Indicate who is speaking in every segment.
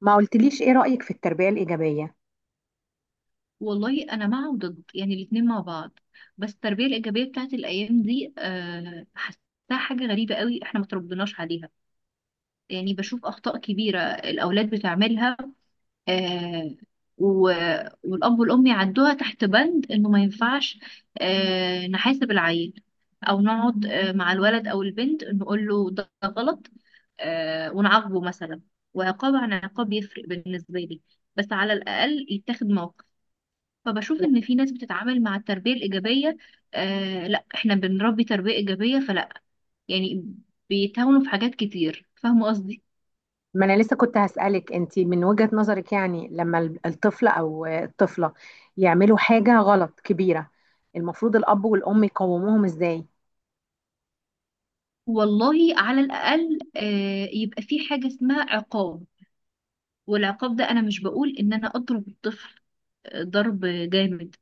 Speaker 1: ما قلتليش ايه رأيك في التربية الإيجابية؟
Speaker 2: والله انا مع وضد، يعني الاتنين مع بعض. بس التربيه الايجابيه بتاعت الايام دي حاساها حاجه غريبه قوي، احنا ما تربناش عليها. يعني بشوف اخطاء كبيره الاولاد بتعملها. أه و... والاب والام يعدوها تحت بند انه ما ينفعش نحاسب العيل، او نقعد مع الولد او البنت نقول له ده غلط، ونعاقبه مثلا. وعقاب عن عقاب يفرق بالنسبه لي، بس على الاقل يتاخد موقف. فبشوف ان في ناس بتتعامل مع التربيه الايجابيه، آه، لا احنا بنربي تربيه ايجابيه، فلا يعني بيتهاونوا في حاجات كتير، فاهمه قصدي.
Speaker 1: ما انا لسه كنت هسألك، انتي من وجهة نظرك لما الطفل او الطفلة يعملوا حاجة غلط كبيرة، المفروض الأب والأم يقوموهم ازاي؟
Speaker 2: والله على الاقل يبقى في حاجه اسمها عقاب، والعقاب ده انا مش بقول ان انا اضرب الطفل ضرب جامد.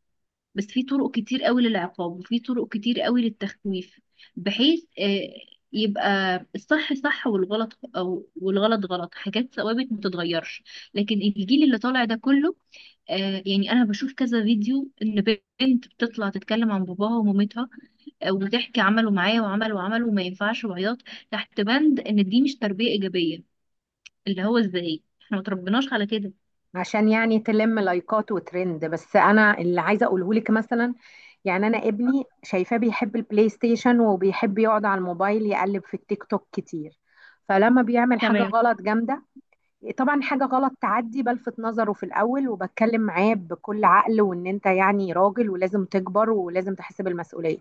Speaker 2: بس في طرق كتير قوي للعقاب، وفي طرق كتير قوي للتخويف، بحيث يبقى الصح صح، والغلط غلط، حاجات ثوابت ما تتغيرش. لكن الجيل اللي طالع ده كله، يعني انا بشوف كذا فيديو ان بنت بتطلع تتكلم عن باباها ومامتها، وبتحكي عملوا معايا وعملوا وعملوا وما ينفعش وعياط، تحت بند ان دي مش تربية ايجابية، اللي هو ازاي؟ احنا ما تربيناش على كده.
Speaker 1: عشان تلم لايكات وترند. بس انا اللي عايزه اقوله لك مثلا، يعني انا ابني شايفاه بيحب البلاي ستيشن وبيحب يقعد على الموبايل يقلب في التيك توك كتير. فلما بيعمل حاجه
Speaker 2: تمام.
Speaker 1: غلط جامده، طبعا حاجه غلط تعدي بلفت نظره في الاول وبتكلم معاه بكل عقل، وان انت يعني راجل ولازم تكبر ولازم تحس بالمسؤوليه.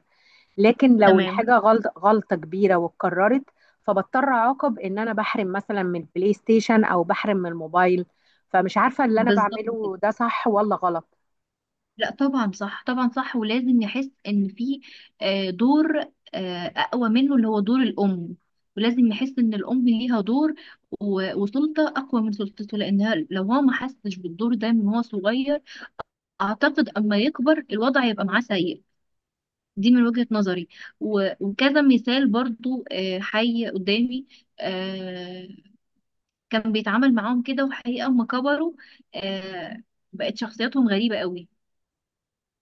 Speaker 1: لكن لو
Speaker 2: تمام.
Speaker 1: الحاجة غلط غلطة كبيرة واتكررت، فبضطر أعاقب، إن أنا بحرم مثلا من البلاي ستيشن أو بحرم من الموبايل. فمش عارفة اللي أنا
Speaker 2: بالظبط كده.
Speaker 1: بعمله ده صح ولا غلط.
Speaker 2: لا طبعا صح، طبعا صح، ولازم نحس ان في دور اقوى منه، اللي هو دور الام، ولازم نحس ان الام ليها دور وسلطه اقوى من سلطته، لانها لو هو ما حسش بالدور ده من هو صغير، اعتقد اما يكبر الوضع يبقى معاه سيء. دي من وجهة نظري. وكذا مثال برضو حي قدامي، آه، كان بيتعامل معاهم كده، وحقيقة اما كبروا، آه، بقت شخصياتهم غريبة قوي.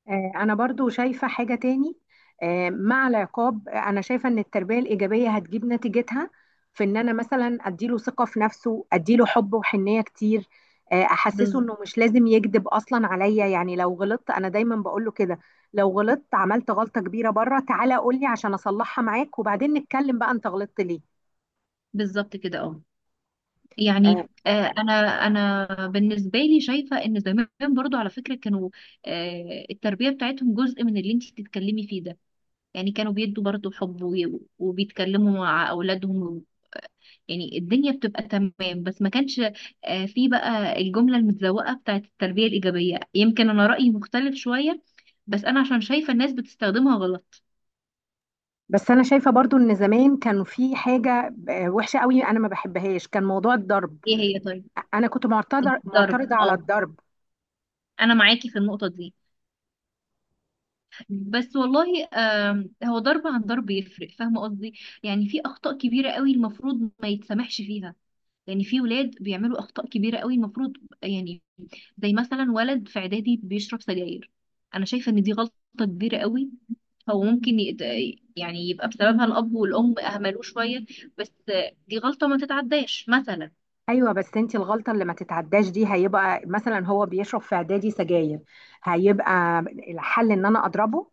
Speaker 1: أنا برضو شايفة حاجة تاني، مع العقاب. أنا شايفة إن التربية الإيجابية هتجيب نتيجتها في إن أنا مثلا أديله ثقة في نفسه، أديله حب وحنية كتير. أحسسه
Speaker 2: بز-
Speaker 1: إنه مش لازم يكذب أصلا عليا. يعني لو غلطت أنا دايما بقوله كده، لو غلطت عملت غلطة كبيرة بره، تعالى قولي عشان أصلحها معاك وبعدين نتكلم بقى أنت غلطت ليه.
Speaker 2: بالظبط كده، اه. يعني.
Speaker 1: آه،
Speaker 2: آه، انا انا بالنسبه لي شايفه ان زمان برضو على فكره كانوا، التربيه بتاعتهم جزء من اللي انت بتتكلمي فيه ده. يعني كانوا بيدوا برضو حب، وبيتكلموا مع اولادهم، يعني الدنيا بتبقى تمام، بس ما كانش في بقى الجمله المتزوقه بتاعت التربيه الايجابيه. يمكن انا رايي مختلف شويه، بس انا عشان شايفه الناس بتستخدمها غلط.
Speaker 1: بس أنا شايفة برضو إن زمان كان في حاجة وحشة قوي أنا ما بحبهاش، كان موضوع الضرب.
Speaker 2: ايه هي طيب؟
Speaker 1: أنا كنت معترضة،
Speaker 2: الضرب،
Speaker 1: معترضة على
Speaker 2: اه.
Speaker 1: الضرب.
Speaker 2: انا معاكي في النقطه دي، بس والله هو ضرب عن ضرب يفرق، فاهمه قصدي. يعني في اخطاء كبيره قوي المفروض ما يتسامحش فيها، يعني في ولاد بيعملوا اخطاء كبيره قوي المفروض يعني، زي مثلا ولد في اعدادي بيشرب سجاير، انا شايفه ان دي غلطه كبيره قوي. هو ممكن يت... يعني يبقى بسببها الاب والام اهملوه شويه، بس دي غلطه ما تتعداش مثلا.
Speaker 1: ايوه، بس انت الغلطه اللي ما تتعداش دي، هيبقى مثلا هو بيشرب في اعدادي سجاير، هيبقى الحل ان انا اضربه؟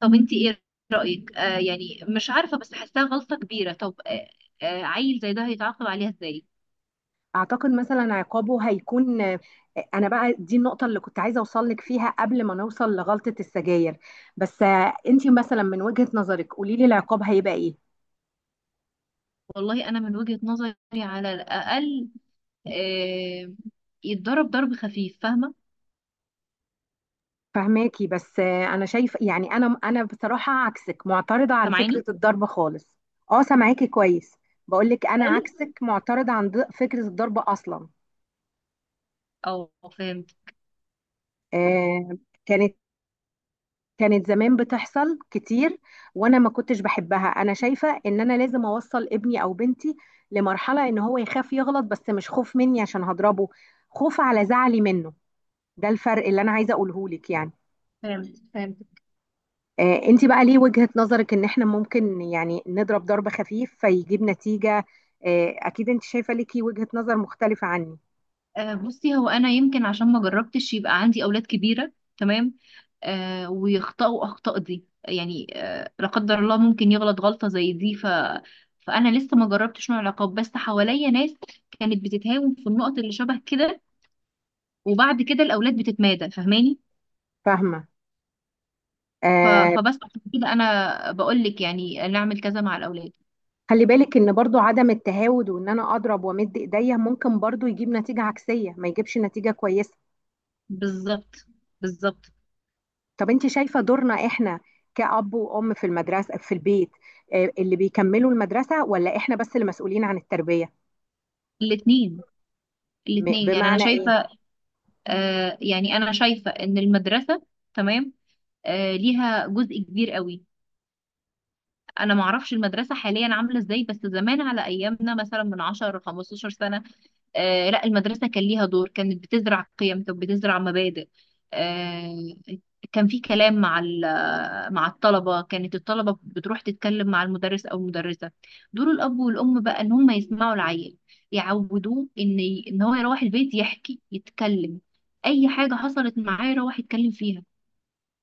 Speaker 2: طب انت ايه رايك؟ يعني مش عارفه، بس حاساها غلطه كبيره. طب عيل زي ده هيتعاقب عليها ازاي؟
Speaker 1: اعتقد مثلا عقابه هيكون، انا بقى دي النقطه اللي كنت عايزه اوصل لك فيها قبل ما نوصل لغلطه السجاير، بس انت مثلا من وجهه نظرك قولي لي العقاب هيبقى ايه.
Speaker 2: والله انا من وجهة نظري على الاقل آه يتضرب ضرب خفيف، فاهمه؟
Speaker 1: فهماكي، بس انا شايف، يعني انا بصراحه عكسك، معترضه عن
Speaker 2: سامعاني؟
Speaker 1: فكره الضرب خالص. اه، سامعاكي كويس. بقول لك انا
Speaker 2: خالص.
Speaker 1: عكسك معترضه عن فكره الضرب اصلا.
Speaker 2: او فهمت.
Speaker 1: آه، كانت زمان بتحصل كتير، وانا ما كنتش بحبها. انا شايفة ان انا لازم اوصل ابني او بنتي لمرحلة ان هو يخاف يغلط، بس مش خوف مني عشان هضربه، خوف على زعلي منه. ده الفرق اللي انا عايزة اقوله لك يعني.
Speaker 2: فهمت.
Speaker 1: آه، انت بقى ليه وجهة نظرك ان احنا ممكن يعني نضرب ضرب خفيف فيجيب نتيجة؟ آه اكيد انت شايفة ليكي وجهة نظر مختلفة عني.
Speaker 2: بصي، هو انا يمكن عشان ما جربتش يبقى عندي اولاد كبيره، تمام، ويخطئوا اخطاء دي، يعني لا قدر الله ممكن يغلط غلطه زي دي. فانا لسه ما جربتش نوع العقاب، بس حواليا ناس كانت بتتهاون في النقط اللي شبه كده، وبعد كده الاولاد بتتمادى، فاهماني؟
Speaker 1: فاهمة. آه،
Speaker 2: فبس عشان كده انا بقول لك يعني نعمل كذا مع الاولاد.
Speaker 1: خلي بالك ان برضو عدم التهاود وان انا اضرب وامد ايديا ممكن برضو يجيب نتيجة عكسية، ما يجيبش نتيجة كويسة.
Speaker 2: بالظبط. بالظبط.
Speaker 1: طب انت شايفة دورنا احنا كأب وأم في المدرسة في البيت، اللي بيكملوا المدرسة، ولا احنا بس اللي مسؤولين عن التربية؟
Speaker 2: الاثنين. الاثنين. يعني انا
Speaker 1: بمعنى ايه؟
Speaker 2: شايفه. يعني انا شايفه ان المدرسه، تمام، ليها جزء كبير قوي. انا ما اعرفش المدرسه حاليا عامله ازاي، بس زمان على ايامنا مثلا من 10 15 سنه، لا المدرسة كان ليها دور، كانت بتزرع قيم، كانت بتزرع مبادئ. آه كان في كلام مع مع الطلبة، كانت الطلبة بتروح تتكلم مع المدرس أو المدرسة. دور الأب والأم بقى إن هم يسمعوا العيل، يعودوه إن إن هو يروح البيت يحكي يتكلم، أي حاجة حصلت معاه يروح يتكلم فيها.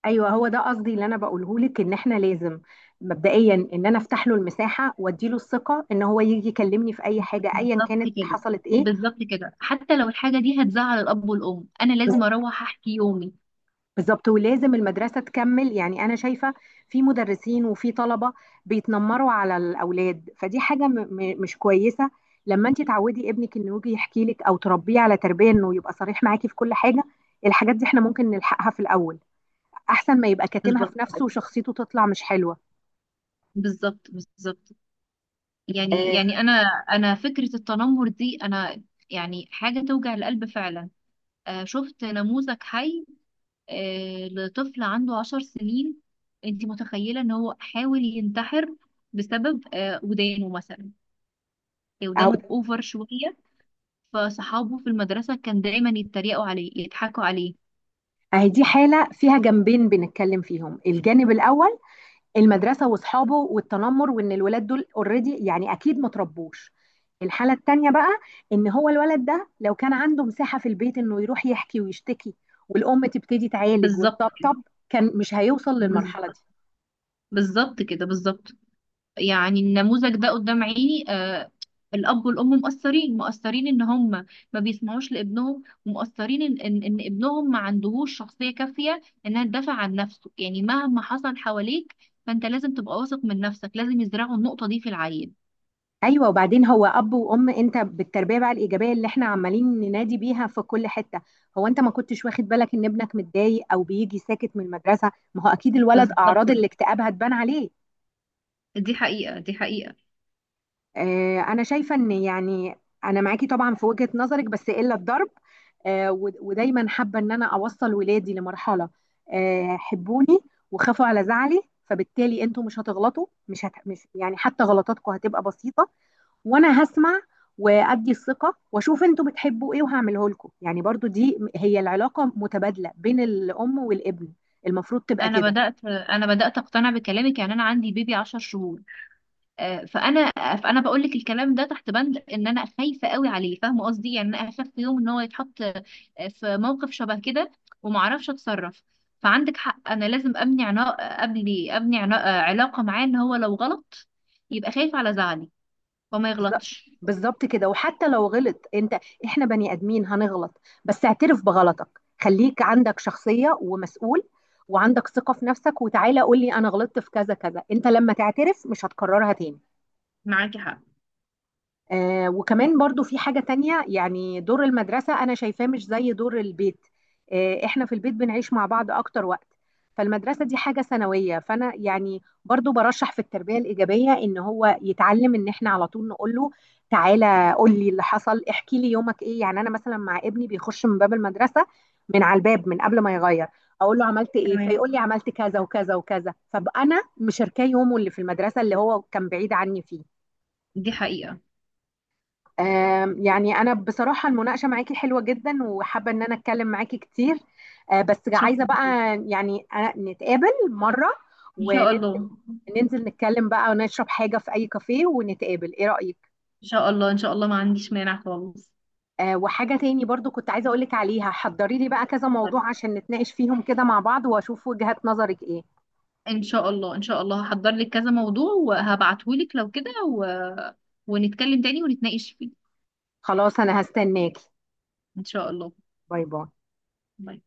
Speaker 1: ايوه، هو ده قصدي اللي انا بقوله لك، ان احنا لازم مبدئيا ان انا افتح له المساحة وادي له الثقة ان هو يجي يكلمني في اي حاجة ايا
Speaker 2: بالظبط
Speaker 1: كانت،
Speaker 2: كده.
Speaker 1: حصلت ايه.
Speaker 2: بالظبط كده، حتى لو الحاجة دي هتزعل الأب والأم أنا لازم أروح أحكي يومي.
Speaker 1: بالظبط، ولازم المدرسة تكمل. يعني أنا شايفة في مدرسين وفي طلبة بيتنمروا على الأولاد، فدي حاجة م م مش كويسة. لما أنت تعودي ابنك إنه يجي يحكي لك، أو تربيه على تربية إنه يبقى صريح معاكي في كل حاجة، الحاجات دي إحنا ممكن نلحقها في الأول، أحسن ما يبقى كاتمها
Speaker 2: بالظبط.
Speaker 1: في نفسه وشخصيته تطلع مش حلوة.
Speaker 2: بالظبط. يعني.
Speaker 1: آه،
Speaker 2: يعني انا فكره التنمر دي انا، يعني حاجه توجع القلب فعلا. شفت نموذج حي، لطفل عنده 10 سنين. انت متخيله ان هو حاول ينتحر بسبب ودانه مثلا،
Speaker 1: أهو.
Speaker 2: ودانه اوفر شويه، فصحابه في المدرسه كان دايما يتريقوا عليه يضحكوا عليه.
Speaker 1: أهي دي حالة فيها جنبين بنتكلم فيهم. الجانب الأول، المدرسه واصحابه والتنمر، وان الولاد دول اوريدي يعني اكيد ما تربوش. الحاله التانيه بقى، ان هو الولد ده لو كان عنده مساحه في البيت انه يروح يحكي ويشتكي والام تبتدي تعالج
Speaker 2: بالظبط كده.
Speaker 1: وتطبطب، كان مش هيوصل للمرحله
Speaker 2: بالظبط.
Speaker 1: دي.
Speaker 2: بالظبط كده. بالظبط. يعني النموذج ده قدام عيني، الأب والأم مقصرين إن هم ما بيسمعوش لابنهم، ومقصرين إن ابنهم ما عندهوش شخصية كافية إنها تدافع عن نفسه. يعني مهما حصل حواليك فأنت لازم تبقى واثق من نفسك، لازم يزرعوا النقطة دي في العيل.
Speaker 1: ايوه، وبعدين هو اب وام، انت بالتربيه بقى الايجابيه اللي احنا عمالين ننادي بيها في كل حته، هو انت ما كنتش واخد بالك ان ابنك متضايق او بيجي ساكت من المدرسه؟ ما هو اكيد الولد
Speaker 2: بالظبط
Speaker 1: اعراض
Speaker 2: كده.
Speaker 1: الاكتئاب هتبان عليه.
Speaker 2: دي حقيقة. دي حقيقة.
Speaker 1: انا شايفه ان يعني انا معاكي طبعا في وجهه نظرك بس الا الضرب. ودايما حابه ان انا اوصل ولادي لمرحله حبوني وخافوا على زعلي، فبالتالي انتوا مش هتغلطوا، مش مش يعني حتى غلطاتكم هتبقى بسيطه، وانا هسمع وادي الثقه واشوف انتوا بتحبوا ايه وهعمله لكم. يعني برضو دي هي العلاقه متبادله بين الام والابن، المفروض تبقى
Speaker 2: أنا
Speaker 1: كده.
Speaker 2: بدأت أنا بدأت أقتنع بكلامك. يعني أنا عندي بيبي 10 شهور، آه، فانا فانا بقول لك الكلام ده تحت بند ان انا خايفه قوي عليه، فاهمه قصدي. يعني انا اخاف في يوم ان هو يتحط في موقف شبه كده وما اعرفش اتصرف. فعندك حق، انا لازم ابني عنا، ابني عنا علاقه معاه ان هو لو غلط يبقى خايف على زعلي وما
Speaker 1: بالظبط.
Speaker 2: يغلطش.
Speaker 1: بالظبط كده. وحتى لو غلط انت، احنا بني ادمين هنغلط، بس اعترف بغلطك، خليك عندك شخصية ومسؤول، وعندك ثقة في نفسك، وتعالى قول لي انا غلطت في كذا كذا. انت لما تعترف مش هتكررها تاني.
Speaker 2: معاكي حق.
Speaker 1: آه، وكمان برضو في حاجة تانية، يعني دور المدرسة أنا شايفاه مش زي دور البيت. آه، إحنا في البيت بنعيش مع بعض أكتر وقت، فالمدرسة دي حاجة ثانوية. فأنا يعني برضو برشح في التربية الإيجابية إن هو يتعلم إن إحنا على طول نقول له تعالى قول لي اللي حصل، احكي لي يومك إيه. يعني أنا مثلا مع ابني، بيخش من باب المدرسة من على الباب من قبل ما يغير اقول له عملت ايه،
Speaker 2: تمام.
Speaker 1: فيقول لي عملت كذا وكذا وكذا، فانا مشاركاه يومه اللي في المدرسه اللي هو كان بعيد عني فيه.
Speaker 2: دي حقيقه.
Speaker 1: يعني أنا بصراحة المناقشة معاكي حلوة جدا، وحابة إن أنا أتكلم معاكي كتير. بس
Speaker 2: شكرا
Speaker 1: عايزة بقى
Speaker 2: جداً.
Speaker 1: يعني أنا نتقابل مرة
Speaker 2: ان شاء
Speaker 1: وننزل،
Speaker 2: الله.
Speaker 1: ننزل نتكلم بقى ونشرب حاجة في أي كافيه ونتقابل، إيه رأيك؟
Speaker 2: ان شاء الله، ان شاء الله ما عنديش مانع خالص.
Speaker 1: وحاجة تاني برضو كنت عايزة أقولك عليها، حضري لي بقى كذا موضوع عشان نتناقش فيهم كده مع بعض وأشوف وجهات نظرك إيه.
Speaker 2: ان شاء الله. ان شاء الله هحضر لك كذا موضوع وهبعتهولك لو كده، ونتكلم تاني ونتناقش فيه.
Speaker 1: خلاص، أنا هستناكي.
Speaker 2: ان شاء الله.
Speaker 1: باي باي.
Speaker 2: باي.